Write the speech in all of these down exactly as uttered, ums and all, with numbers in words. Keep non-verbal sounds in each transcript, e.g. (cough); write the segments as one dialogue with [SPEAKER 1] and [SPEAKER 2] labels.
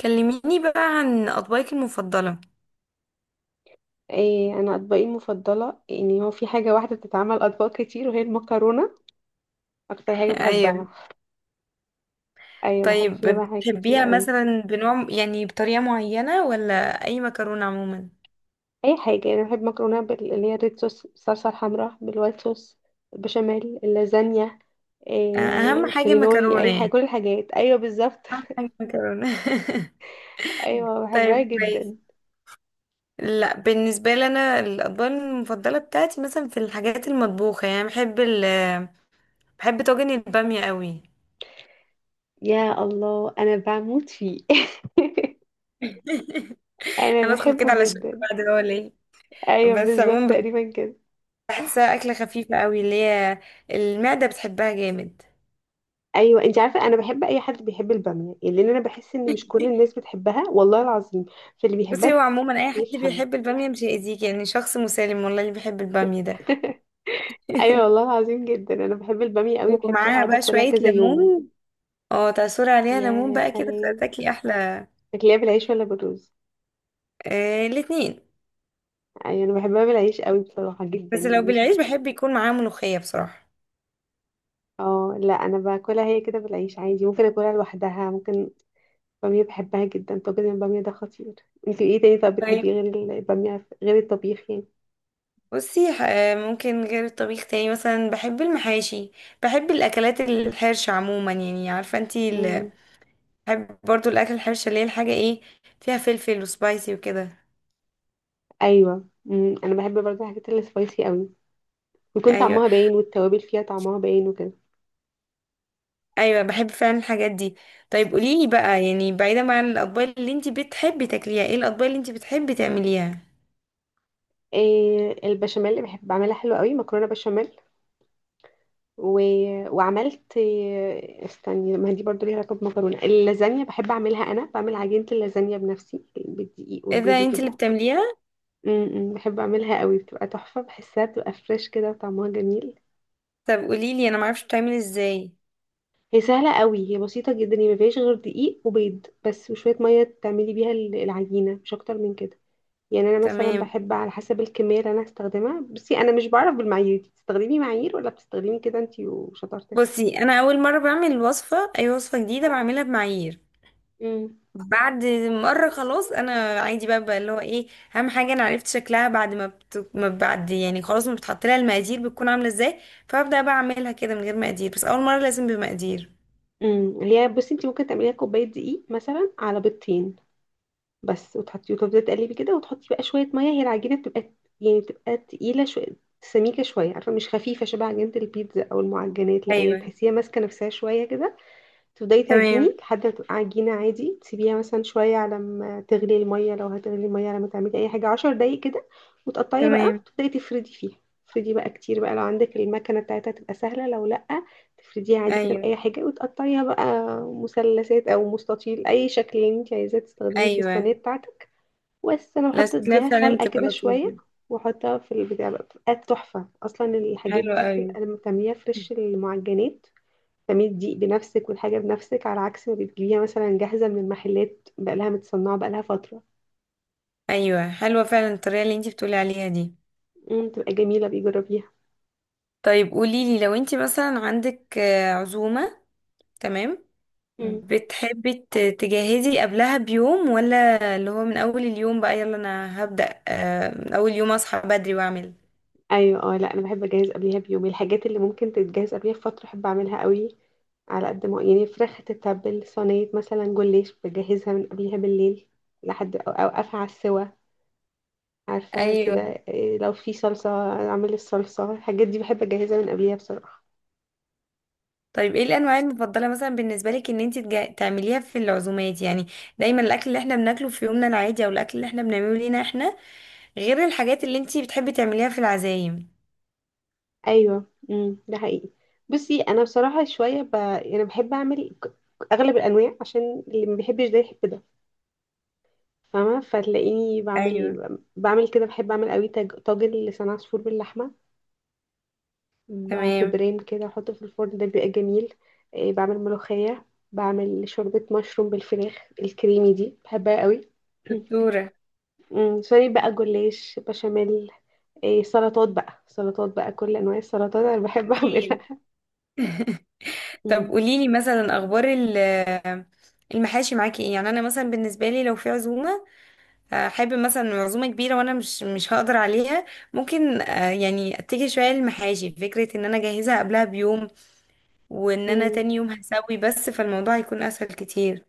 [SPEAKER 1] كلميني بقى عن أطباقك المفضلة.
[SPEAKER 2] إيه انا اطباقي المفضله، يعني هو في حاجه واحده بتتعمل اطباق كتير وهي المكرونه. اكتر
[SPEAKER 1] (laughs)
[SPEAKER 2] حاجه
[SPEAKER 1] أيوة.
[SPEAKER 2] بحبها. ايوه، بحب
[SPEAKER 1] طيب
[SPEAKER 2] فيها بقى حاجات كتير
[SPEAKER 1] بتحبيها
[SPEAKER 2] قوي.
[SPEAKER 1] مثلا بنوع، يعني بطريقة معينة ولا أي مكرونة عموما؟
[SPEAKER 2] اي حاجه يعني، بحب مكرونه بال- اللي هي الريد صوص، الصلصه الحمراء، بالوايت صوص البشاميل، اللازانيا.
[SPEAKER 1] أ- أهم
[SPEAKER 2] إيه
[SPEAKER 1] حاجة
[SPEAKER 2] الكرينولي،
[SPEAKER 1] مكرونة
[SPEAKER 2] اي حاجه،
[SPEAKER 1] يعني،
[SPEAKER 2] كل الحاجات، ايوه بالظبط.
[SPEAKER 1] أهم حاجة مكرونة. (laughs)
[SPEAKER 2] (laughs) ايوه، بحبها
[SPEAKER 1] طيب كويس.
[SPEAKER 2] جدا.
[SPEAKER 1] لا، بالنسبة لي أنا الأطباق المفضلة بتاعتي مثلا في الحاجات المطبوخة، يعني بحب ال بحب طاجن البامية قوي.
[SPEAKER 2] يا الله، انا بموت فيه. (laughs)
[SPEAKER 1] (laughs)
[SPEAKER 2] انا
[SPEAKER 1] هندخل كده
[SPEAKER 2] بحبه
[SPEAKER 1] على شكل
[SPEAKER 2] جدا.
[SPEAKER 1] بعد، هو ليه
[SPEAKER 2] ايوه
[SPEAKER 1] بس
[SPEAKER 2] بالظبط
[SPEAKER 1] عموما
[SPEAKER 2] تقريبا كده.
[SPEAKER 1] بحسها أكلة خفيفة قوي، اللي هي المعدة بتحبها جامد.
[SPEAKER 2] ايوه، انت عارفه، انا بحب اي حد بيحب الباميه، يعني لان انا بحس ان مش كل
[SPEAKER 1] (laughs)
[SPEAKER 2] الناس بتحبها، والله العظيم. فاللي بيحبها
[SPEAKER 1] بصي،
[SPEAKER 2] ده
[SPEAKER 1] هو
[SPEAKER 2] بحس
[SPEAKER 1] عموما اي
[SPEAKER 2] إنه
[SPEAKER 1] حد
[SPEAKER 2] بيفهم.
[SPEAKER 1] بيحب الباميه مش هيأذيك، يعني شخص مسالم والله اللي بيحب الباميه ده.
[SPEAKER 2] (laughs) ايوه والله العظيم، جدا انا بحب الباميه قوي، بحب
[SPEAKER 1] ومعاها
[SPEAKER 2] اقعد
[SPEAKER 1] بقى
[SPEAKER 2] اكلها
[SPEAKER 1] شويه
[SPEAKER 2] كذا يوم.
[SPEAKER 1] ليمون، اه تعصري عليها ليمون
[SPEAKER 2] يا
[SPEAKER 1] بقى كده
[SPEAKER 2] سلام.
[SPEAKER 1] فتاكلي احلى.
[SPEAKER 2] بتاكليها بالعيش ولا بالرز؟
[SPEAKER 1] آه الاتنين.
[SPEAKER 2] ايوه انا بحبها بالعيش قوي بصراحه جدا،
[SPEAKER 1] بس لو
[SPEAKER 2] يعني شب-
[SPEAKER 1] بالعيش بحب يكون معاها ملوخيه بصراحه.
[SPEAKER 2] اه لا، انا باكلها هي كده بالعيش عادي، ممكن اكلها لوحدها ممكن. الباميه بحبها جدا، طاجن الباميه ده خطير. انت ايه تاني؟ طب بتحبيه
[SPEAKER 1] طيب.
[SPEAKER 2] غير الباميه، غير الطبيخ يعني؟
[SPEAKER 1] بصي ح- آه، ممكن غير الطبيخ، تاني مثلا بحب المحاشي. بحب الاكلات الحرشه عموما، يعني عارفه انتي ال-
[SPEAKER 2] امم.
[SPEAKER 1] بحب برضو الاكل الحرشه، اللي هي الحاجه ايه، فيها فلفل وسبايسي وكده.
[SPEAKER 2] ايوه، امم انا بحب برضه الحاجات اللي سبايسي قوي، ويكون
[SPEAKER 1] ايوه.
[SPEAKER 2] طعمها باين، والتوابل فيها طعمها باين وكده.
[SPEAKER 1] ايوه بحب فعلا الحاجات دي. طيب قوليلي بقى، يعني بعيدا عن الاطباق اللي انت بتحبي تاكليها، ايه الاطباق اللي انت بتحبي تعمليها؟
[SPEAKER 2] إيه، البشاميل اللي بحب اعملها حلوه قوي، مكرونه بشاميل و... وعملت إيه؟ استني، ما هي دي برضه ليها علاقه بمكرونه، اللازانيا بحب اعملها، انا بعمل عجينه اللازانيا بنفسي بالدقيق والبيض
[SPEAKER 1] اذا انت اللي
[SPEAKER 2] وكده.
[SPEAKER 1] بتعمليها.
[SPEAKER 2] امم بحب اعملها قوي، بتبقى تحفه، بحسها بتبقى فريش كده وطعمها جميل.
[SPEAKER 1] طب قوليلي انا معرفش بتعمل ازاي.
[SPEAKER 2] هي سهله قوي، هي بسيطه جدا، هي ما فيهاش غير دقيق وبيض بس، وشويه ميه تعملي بيها ال- العجينه، مش اكتر من كده. يعني انا مثلا
[SPEAKER 1] تمام.
[SPEAKER 2] بحب على حسب الكميه اللي انا هستخدمها. بصي، انا مش بعرف بالمعايير دي، بتستخدمي معايير ولا بتستخدمي كده انتي وشطارتك؟
[SPEAKER 1] بصي انا اول مره بعمل وصفه، اي وصفه جديده بعملها بمعايير.
[SPEAKER 2] امم
[SPEAKER 1] بعد مره خلاص انا عادي بقى، بقى اللي هو ايه، اهم حاجه انا عرفت شكلها بعد ما, بت... ما بعد يعني خلاص، ما بتحط لها المقادير بتكون عامله ازاي، فابدا بقى اعملها كده من غير مقادير، بس اول مره لازم بمقادير.
[SPEAKER 2] امم اللي هي، بصي، انتي ممكن تعمليها كوبايه دقيق مثلا على بيضتين بس، وتحطي وتفضلي تقلبي كده، وتحطي بقى شويه ميه. هي العجينه بتبقى، يعني بتبقى تقيله شويه، سميكه شويه، عارفه، مش خفيفه شبه عجينه البيتزا او المعجنات، لا هي
[SPEAKER 1] ايوه.
[SPEAKER 2] تحسيها ماسكه نفسها شويه كده. تبدأي
[SPEAKER 1] تمام.
[SPEAKER 2] تعجني لحد ما تبقى عجينة عادي، تسيبيها مثلا شوية على ما تغلي المية، لو هتغلي المية لما تعملي أي حاجة عشر دقايق كده. وتقطعي بقى،
[SPEAKER 1] تمام.
[SPEAKER 2] تبدأي تفردي فيها. تفردي بقى كتير بقى، لو عندك المكنة بتاعتها تبقى سهلة، لو لأ تفرديها عادي كده
[SPEAKER 1] ايوه.
[SPEAKER 2] بأي حاجة وتقطعيها بقى مثلثات أو مستطيل، أي شكل اللي انت عايزاه تستخدميه في الصينية
[SPEAKER 1] ايوه.
[SPEAKER 2] بتاعتك. بس أنا بحط
[SPEAKER 1] الاسكلاف
[SPEAKER 2] اديها
[SPEAKER 1] فعلا
[SPEAKER 2] سلقة
[SPEAKER 1] بتبقى
[SPEAKER 2] كده شوية،
[SPEAKER 1] لطيفه.
[SPEAKER 2] واحطها في البتاع بقى، بتبقى تحفة. أصلا الحاجات
[SPEAKER 1] حلوه
[SPEAKER 2] دي
[SPEAKER 1] قوي.
[SPEAKER 2] بتبقى لما بتعمليها فريش، المعجنات تعملي الدقيق بنفسك والحاجة بنفسك، على عكس ما بتجيبيها مثلا جاهزة من المحلات، بقالها متصنعة، بقالها فترة.
[SPEAKER 1] ايوه حلوه فعلا الطريقه اللي انتي بتقولي عليها دي.
[SPEAKER 2] امم تبقى جميلة، بيجربيها.
[SPEAKER 1] طيب قولي لي، لو انتي مثلا عندك آه، عزومه، تمام،
[SPEAKER 2] امم
[SPEAKER 1] بتحبي ت- تجهزي قبلها بيوم، ولا اللي هو من اول اليوم بقى يلا انا هبدأ آه، من اول يوم اصحى بدري واعمل؟
[SPEAKER 2] ايوه، اه لا، انا بحب اجهز قبليها بيوم، الحاجات اللي ممكن تتجهز قبليها بفترة احب اعملها قوي. على قد ما يعني، فراخ تتبل، صينية مثلا جوليش بجهزها من قبلها بالليل، لحد أو- اوقفها على السوا، عارفة كده.
[SPEAKER 1] ايوه.
[SPEAKER 2] إيه، لو في صلصة اعمل الصلصة، الحاجات دي بحب اجهزها من قبليها بصراحة.
[SPEAKER 1] طيب ايه الانواع المفضله مثلا بالنسبه لك، ان انت تجا- تعمليها في العزومات، يعني دايما الاكل اللي احنا بناكله في يومنا العادي، او الاكل اللي احنا بنعمله لينا احنا، غير الحاجات اللي انتي بتحبي تعمليها في العزايم؟
[SPEAKER 2] ايوه، امم ده حقيقي. بصي انا بصراحه شويه ب... يعني بحب اعمل ك- اغلب الانواع عشان اللي ما بيحبش ده يحب ده، فاهمه؟ فتلاقيني
[SPEAKER 1] ايوه.
[SPEAKER 2] بعمل بعمل كده، بحب اعمل قوي تاج... طاجن لسان عصفور باللحمه، ب- في
[SPEAKER 1] تمام.
[SPEAKER 2] بريم كده احطه في الفرن، ده بيبقى جميل. إيه، بعمل ملوخيه، بعمل شوربه مشروم بالفراخ الكريمي دي بحبها قوي. (clears throat)
[SPEAKER 1] دكتورة.
[SPEAKER 2] أمم، سوري، بقى جلاش بشاميل. إيه، سلطات بقى، سلطات بقى، كل انواع السلطات انا بحب اعملها.
[SPEAKER 1] اكيد.
[SPEAKER 2] (laughs)
[SPEAKER 1] (laughs) طب
[SPEAKER 2] أمم.
[SPEAKER 1] قوليلي مثلا اخبار ال- المحاشي معاكي ايه؟ يعني انا مثلا بالنسبه لي، لو في عزومه آه، حابب مثلا عزومه كبيره وانا مش مش هقدر عليها، ممكن آه، يعني اتجه شويه للمحاشي، فكره ان انا اجهزها قبلها بيوم، وان انا
[SPEAKER 2] أمم.
[SPEAKER 1] تاني يوم هسوي بس، فالموضوع هيكون اسهل كتير.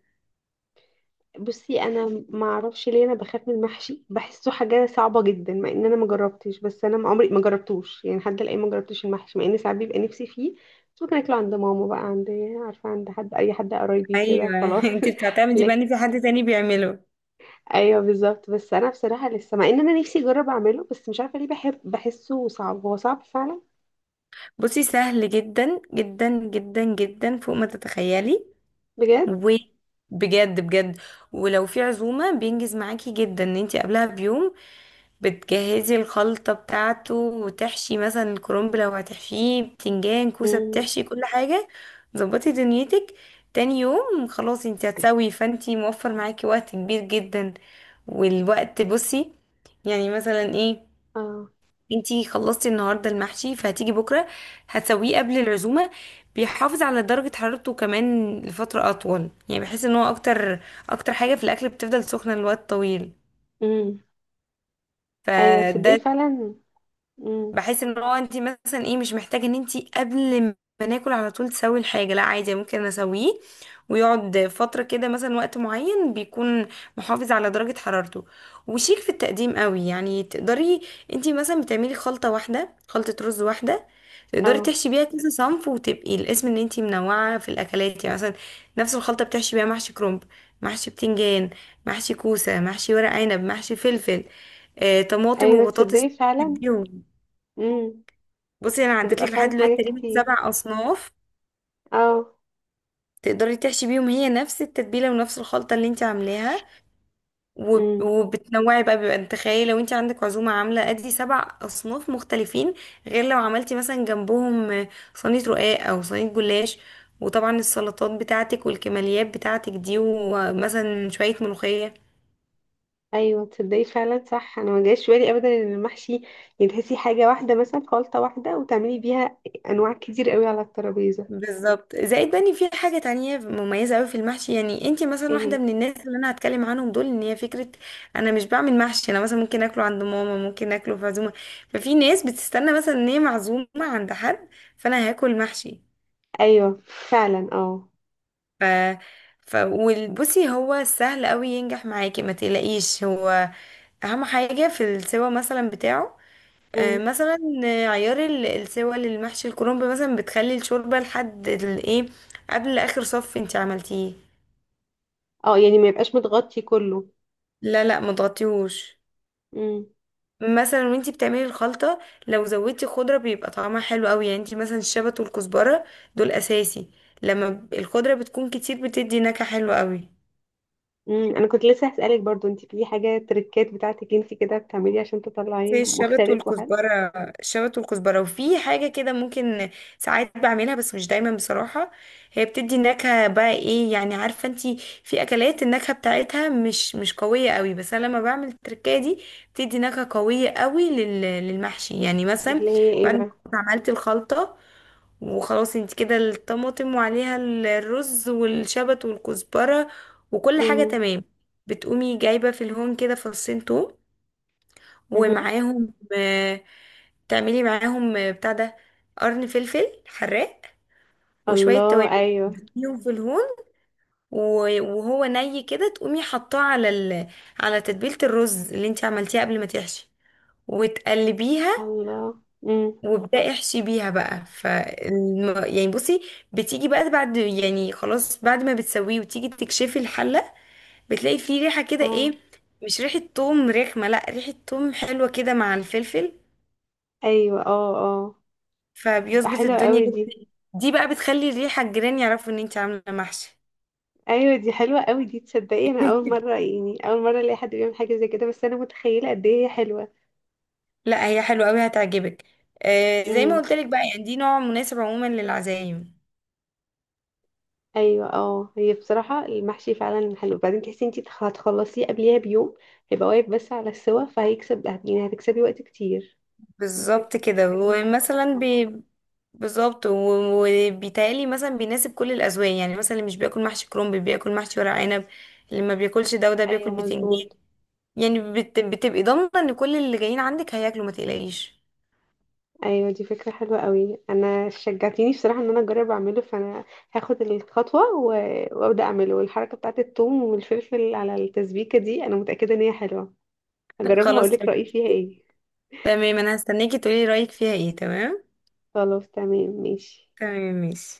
[SPEAKER 2] بصي، انا ما اعرفش ليه انا بخاف من المحشي، بحسه حاجه صعبه جدا، مع ان انا ما جربتش، بس انا ما عمري ما جربتوش، يعني لحد الان ما جربتش المحشي، مع ان ساعات بيبقى نفسي فيه. بس ممكن اكله عند ماما، بقى عند، عارفه، عند حد، اي حد قرايبي كده
[SPEAKER 1] ايوه. (laughs)
[SPEAKER 2] خلاص.
[SPEAKER 1] انت
[SPEAKER 2] (laughs)
[SPEAKER 1] بتعتمدي بقى
[SPEAKER 2] لك.
[SPEAKER 1] ان في حد تاني بيعمله.
[SPEAKER 2] ايوه بالظبط، بس انا بصراحه لسه، مع ان انا نفسي اجرب اعمله، بس مش عارفه ليه، بحب، بحسه صعب، هو صعب فعلا.
[SPEAKER 1] بصي سهل جدا جدا جدا جدا فوق ما تتخيلي.
[SPEAKER 2] بجد.
[SPEAKER 1] وبجد بجد. ولو في عزومة بينجز معاكي جدا ان انتي قبلها بيوم بتجهزي الخلطة بتاعته، وتحشي مثلا الكرنب لو هتحشيه، بتنجان، كوسة،
[SPEAKER 2] امم.
[SPEAKER 1] بتحشي كل حاجة. ظبطي دنيتك. تاني يوم خلاص انتي هتسوي، فانتي موفر معاكي وقت كبير جدا. والوقت بصي، يعني مثلا ايه،
[SPEAKER 2] اه.
[SPEAKER 1] انتي خلصتي النهارده المحشي فهتيجي بكره هتسويه قبل العزومه، بيحافظ على درجه حرارته كمان لفتره اطول، يعني بحيث ان هو اكتر، اكتر حاجه في الاكل بتفضل سخنه لوقت طويل.
[SPEAKER 2] امم. ايوه تصدقي
[SPEAKER 1] فده
[SPEAKER 2] فعلا. امم.
[SPEAKER 1] بحيث ان هو انت مثلا ايه، مش محتاجه ان انت قبل ما ناكل على طول تسوي الحاجه، لا عادي ممكن اسويه ويقعد فتره كده مثلا، وقت معين بيكون محافظ على درجه حرارته. وشيك في التقديم قوي، يعني تقدري انت مثلا بتعملي خلطه واحده، خلطه رز واحده تقدري
[SPEAKER 2] اه.
[SPEAKER 1] تحشي بيها كذا صنف، وتبقي الاسم ان انت منوعه في الاكلات. يعني مثلا نفس الخلطه بتحشي بيها محشي كرنب، محشي بتنجان، محشي كوسه، محشي ورق عنب، محشي فلفل، آه، طماطم
[SPEAKER 2] ايوه
[SPEAKER 1] وبطاطس.
[SPEAKER 2] تصدقي فعلا.
[SPEAKER 1] تحبيهم.
[SPEAKER 2] امم،
[SPEAKER 1] بصي انا عدت
[SPEAKER 2] بتبقى
[SPEAKER 1] لك لحد
[SPEAKER 2] فعلا
[SPEAKER 1] دلوقتي
[SPEAKER 2] حاجات
[SPEAKER 1] تقريبا
[SPEAKER 2] كتير.
[SPEAKER 1] سبع اصناف،
[SPEAKER 2] اه.
[SPEAKER 1] تقدري تحشي بيهم، هي نفس التتبيله ونفس الخلطه اللي انت عاملاها. وب-
[SPEAKER 2] امم.
[SPEAKER 1] وبتنوعي بقى، بيبقى انت تخيلي لو انت عندك عزومه عامله ادي سبع اصناف مختلفين، غير لو عملتي مثلا جنبهم صينيه رقاق او صينيه جلاش، وطبعا السلطات بتاعتك والكماليات بتاعتك دي، ومثلا شويه ملوخيه.
[SPEAKER 2] ايوه تصدقي فعلا، صح، انا ما جاش في بالي ابدا ان المحشي يتهسي حاجه واحده، مثلا خلطه واحده وتعملي بيها انواع كتير قوي على الترابيزه.
[SPEAKER 1] بالظبط. زائد بني في حاجة تانية مميزة أوي في المحشي، يعني انتي مثلا واحدة
[SPEAKER 2] ايه.
[SPEAKER 1] من الناس اللي أنا هتكلم عنهم دول، إن هي فكرة أنا مش بعمل محشي، أنا مثلا ممكن أكله عند ماما، ممكن أكله في عزومة. ففي ناس بتستنى مثلا إن هي معزومة عند حد فأنا هاكل محشي.
[SPEAKER 2] ايوه فعلا. اه.
[SPEAKER 1] ف ف وبصي هو سهل أوي ينجح معاكي ما تقلقيش. هو أهم حاجة في السوا مثلا بتاعه، آه،
[SPEAKER 2] امم.
[SPEAKER 1] مثلا آه، عيار ال- السوى للمحشي الكرنب، مثلا بتخلي الشوربة لحد الايه، قبل اخر صف انت عملتيه.
[SPEAKER 2] اه، يعني ما يبقاش متغطي كله؟
[SPEAKER 1] لا لا ما تغطيهوش.
[SPEAKER 2] امم.
[SPEAKER 1] مثلا وانتي بتعملي الخلطة لو زودتي خضرة بيبقى طعمها حلو قوي، يعني انتي مثلا الشبت والكزبرة دول اساسي. لما ب- الخضرة بتكون كتير بتدي نكهة حلوة قوي،
[SPEAKER 2] امم انا كنت لسه هسالك برضو، انت في حاجه تريكات بتاعتك انت كده بتعملي عشان تطلعي
[SPEAKER 1] زي الشبت
[SPEAKER 2] مختلف وحلو؟
[SPEAKER 1] والكزبرة. الشبت والكزبرة، وفي حاجة كده ممكن ساعات بعملها بس مش دايما بصراحة، هي بتدي نكهة بقى ايه، يعني عارفة انتي، في أكلات النكهة بتاعتها مش مش قوية قوي، بس أنا لما بعمل التركية دي بتدي نكهة قوية قوي لل- للمحشي. يعني مثلا
[SPEAKER 2] اللي هي ايه
[SPEAKER 1] بعد ما
[SPEAKER 2] بقى؟
[SPEAKER 1] كنت عملت الخلطة وخلاص انتي كده الطماطم وعليها الرز والشبت والكزبرة وكل حاجة
[SPEAKER 2] امم.
[SPEAKER 1] تمام، بتقومي جايبة في الهون كده فصين توم،
[SPEAKER 2] امم.
[SPEAKER 1] ومعاهم آه، تعملي معاهم آه، بتاع ده، قرن فلفل حراق وشوية
[SPEAKER 2] الله،
[SPEAKER 1] توابل،
[SPEAKER 2] ايوه.
[SPEAKER 1] تديهم في الهون و- وهو ني كده تقومي حطاه على ال... على تتبيلة الرز اللي انت عملتيها قبل ما تحشي، وتقلبيها
[SPEAKER 2] الله. امم.
[SPEAKER 1] وابدأي احشي بيها بقى. ف يعني بصي، بتيجي بقى بعد، يعني خلاص بعد ما بتسويه وتيجي تكشفي الحلة، بتلاقي فيه ريحة كده،
[SPEAKER 2] اه.
[SPEAKER 1] ايه، مش ريحة توم رخمة، لا ريحة توم حلوة كده مع الفلفل،
[SPEAKER 2] ايوه. اه. اه. دي بتبقى
[SPEAKER 1] فبيظبط
[SPEAKER 2] حلوه
[SPEAKER 1] الدنيا
[SPEAKER 2] قوي
[SPEAKER 1] كده.
[SPEAKER 2] دي.
[SPEAKER 1] دي بقى بتخلي الريحة الجيران يعرفوا ان انت عاملة محشي.
[SPEAKER 2] ايوه، دي حلوه قوي دي، تصدقي انا اول مره،
[SPEAKER 1] (laughs)
[SPEAKER 2] يعني اول مره الاقي حد بيعمل حاجه زي كده، بس انا متخيله قد ايه هي حلوه.
[SPEAKER 1] لا هي حلوة قوي هتعجبك. آه زي ما
[SPEAKER 2] امم
[SPEAKER 1] قلت لك بقى، يعني دي نوع مناسب عموما للعزايم.
[SPEAKER 2] ايوه، اه، هي بصراحه المحشي فعلا حلو، وبعدين تحسي انتي تخ- هتخلصيه قبليها بيوم، هيبقى واقف بس على السوا، فهيكسب، يعني هتكسبي وقت كتير. مكنتش
[SPEAKER 1] بالظبط
[SPEAKER 2] واخدة
[SPEAKER 1] كده.
[SPEAKER 2] بالي من الموضوع ده
[SPEAKER 1] ومثلا
[SPEAKER 2] فعلا.
[SPEAKER 1] بي... بالظبط، و- وبيتهيألي مثلا بيناسب كل الأذواق، يعني مثلا اللي مش بياكل محشي كرنب بياكل محشي ورق عنب، اللي ما بياكلش ده وده بياكل
[SPEAKER 2] ايوه
[SPEAKER 1] بتنجان.
[SPEAKER 2] مظبوط.
[SPEAKER 1] يعني بت... بتبقي ضامنة ان كل اللي جايين عندك هياكلوا، ما تقلقيش.
[SPEAKER 2] ايوه، دي فكره حلوه قوي، انا شجعتيني بصراحه ان انا اجرب اعمله، فانا هاخد الخطوه و- وابدا اعمله، والحركه بتاعت الثوم والفلفل على التسبيكه دي انا متاكده ان هي حلوه،
[SPEAKER 1] (laughs)
[SPEAKER 2] هجربها
[SPEAKER 1] خلاص
[SPEAKER 2] هقولك
[SPEAKER 1] تمام.
[SPEAKER 2] رأيي فيها ايه.
[SPEAKER 1] تمام انا هستناكي تقولي رأيك فيها ايه. تمام.
[SPEAKER 2] خلاص تمام ماشي.
[SPEAKER 1] تمام ماشي.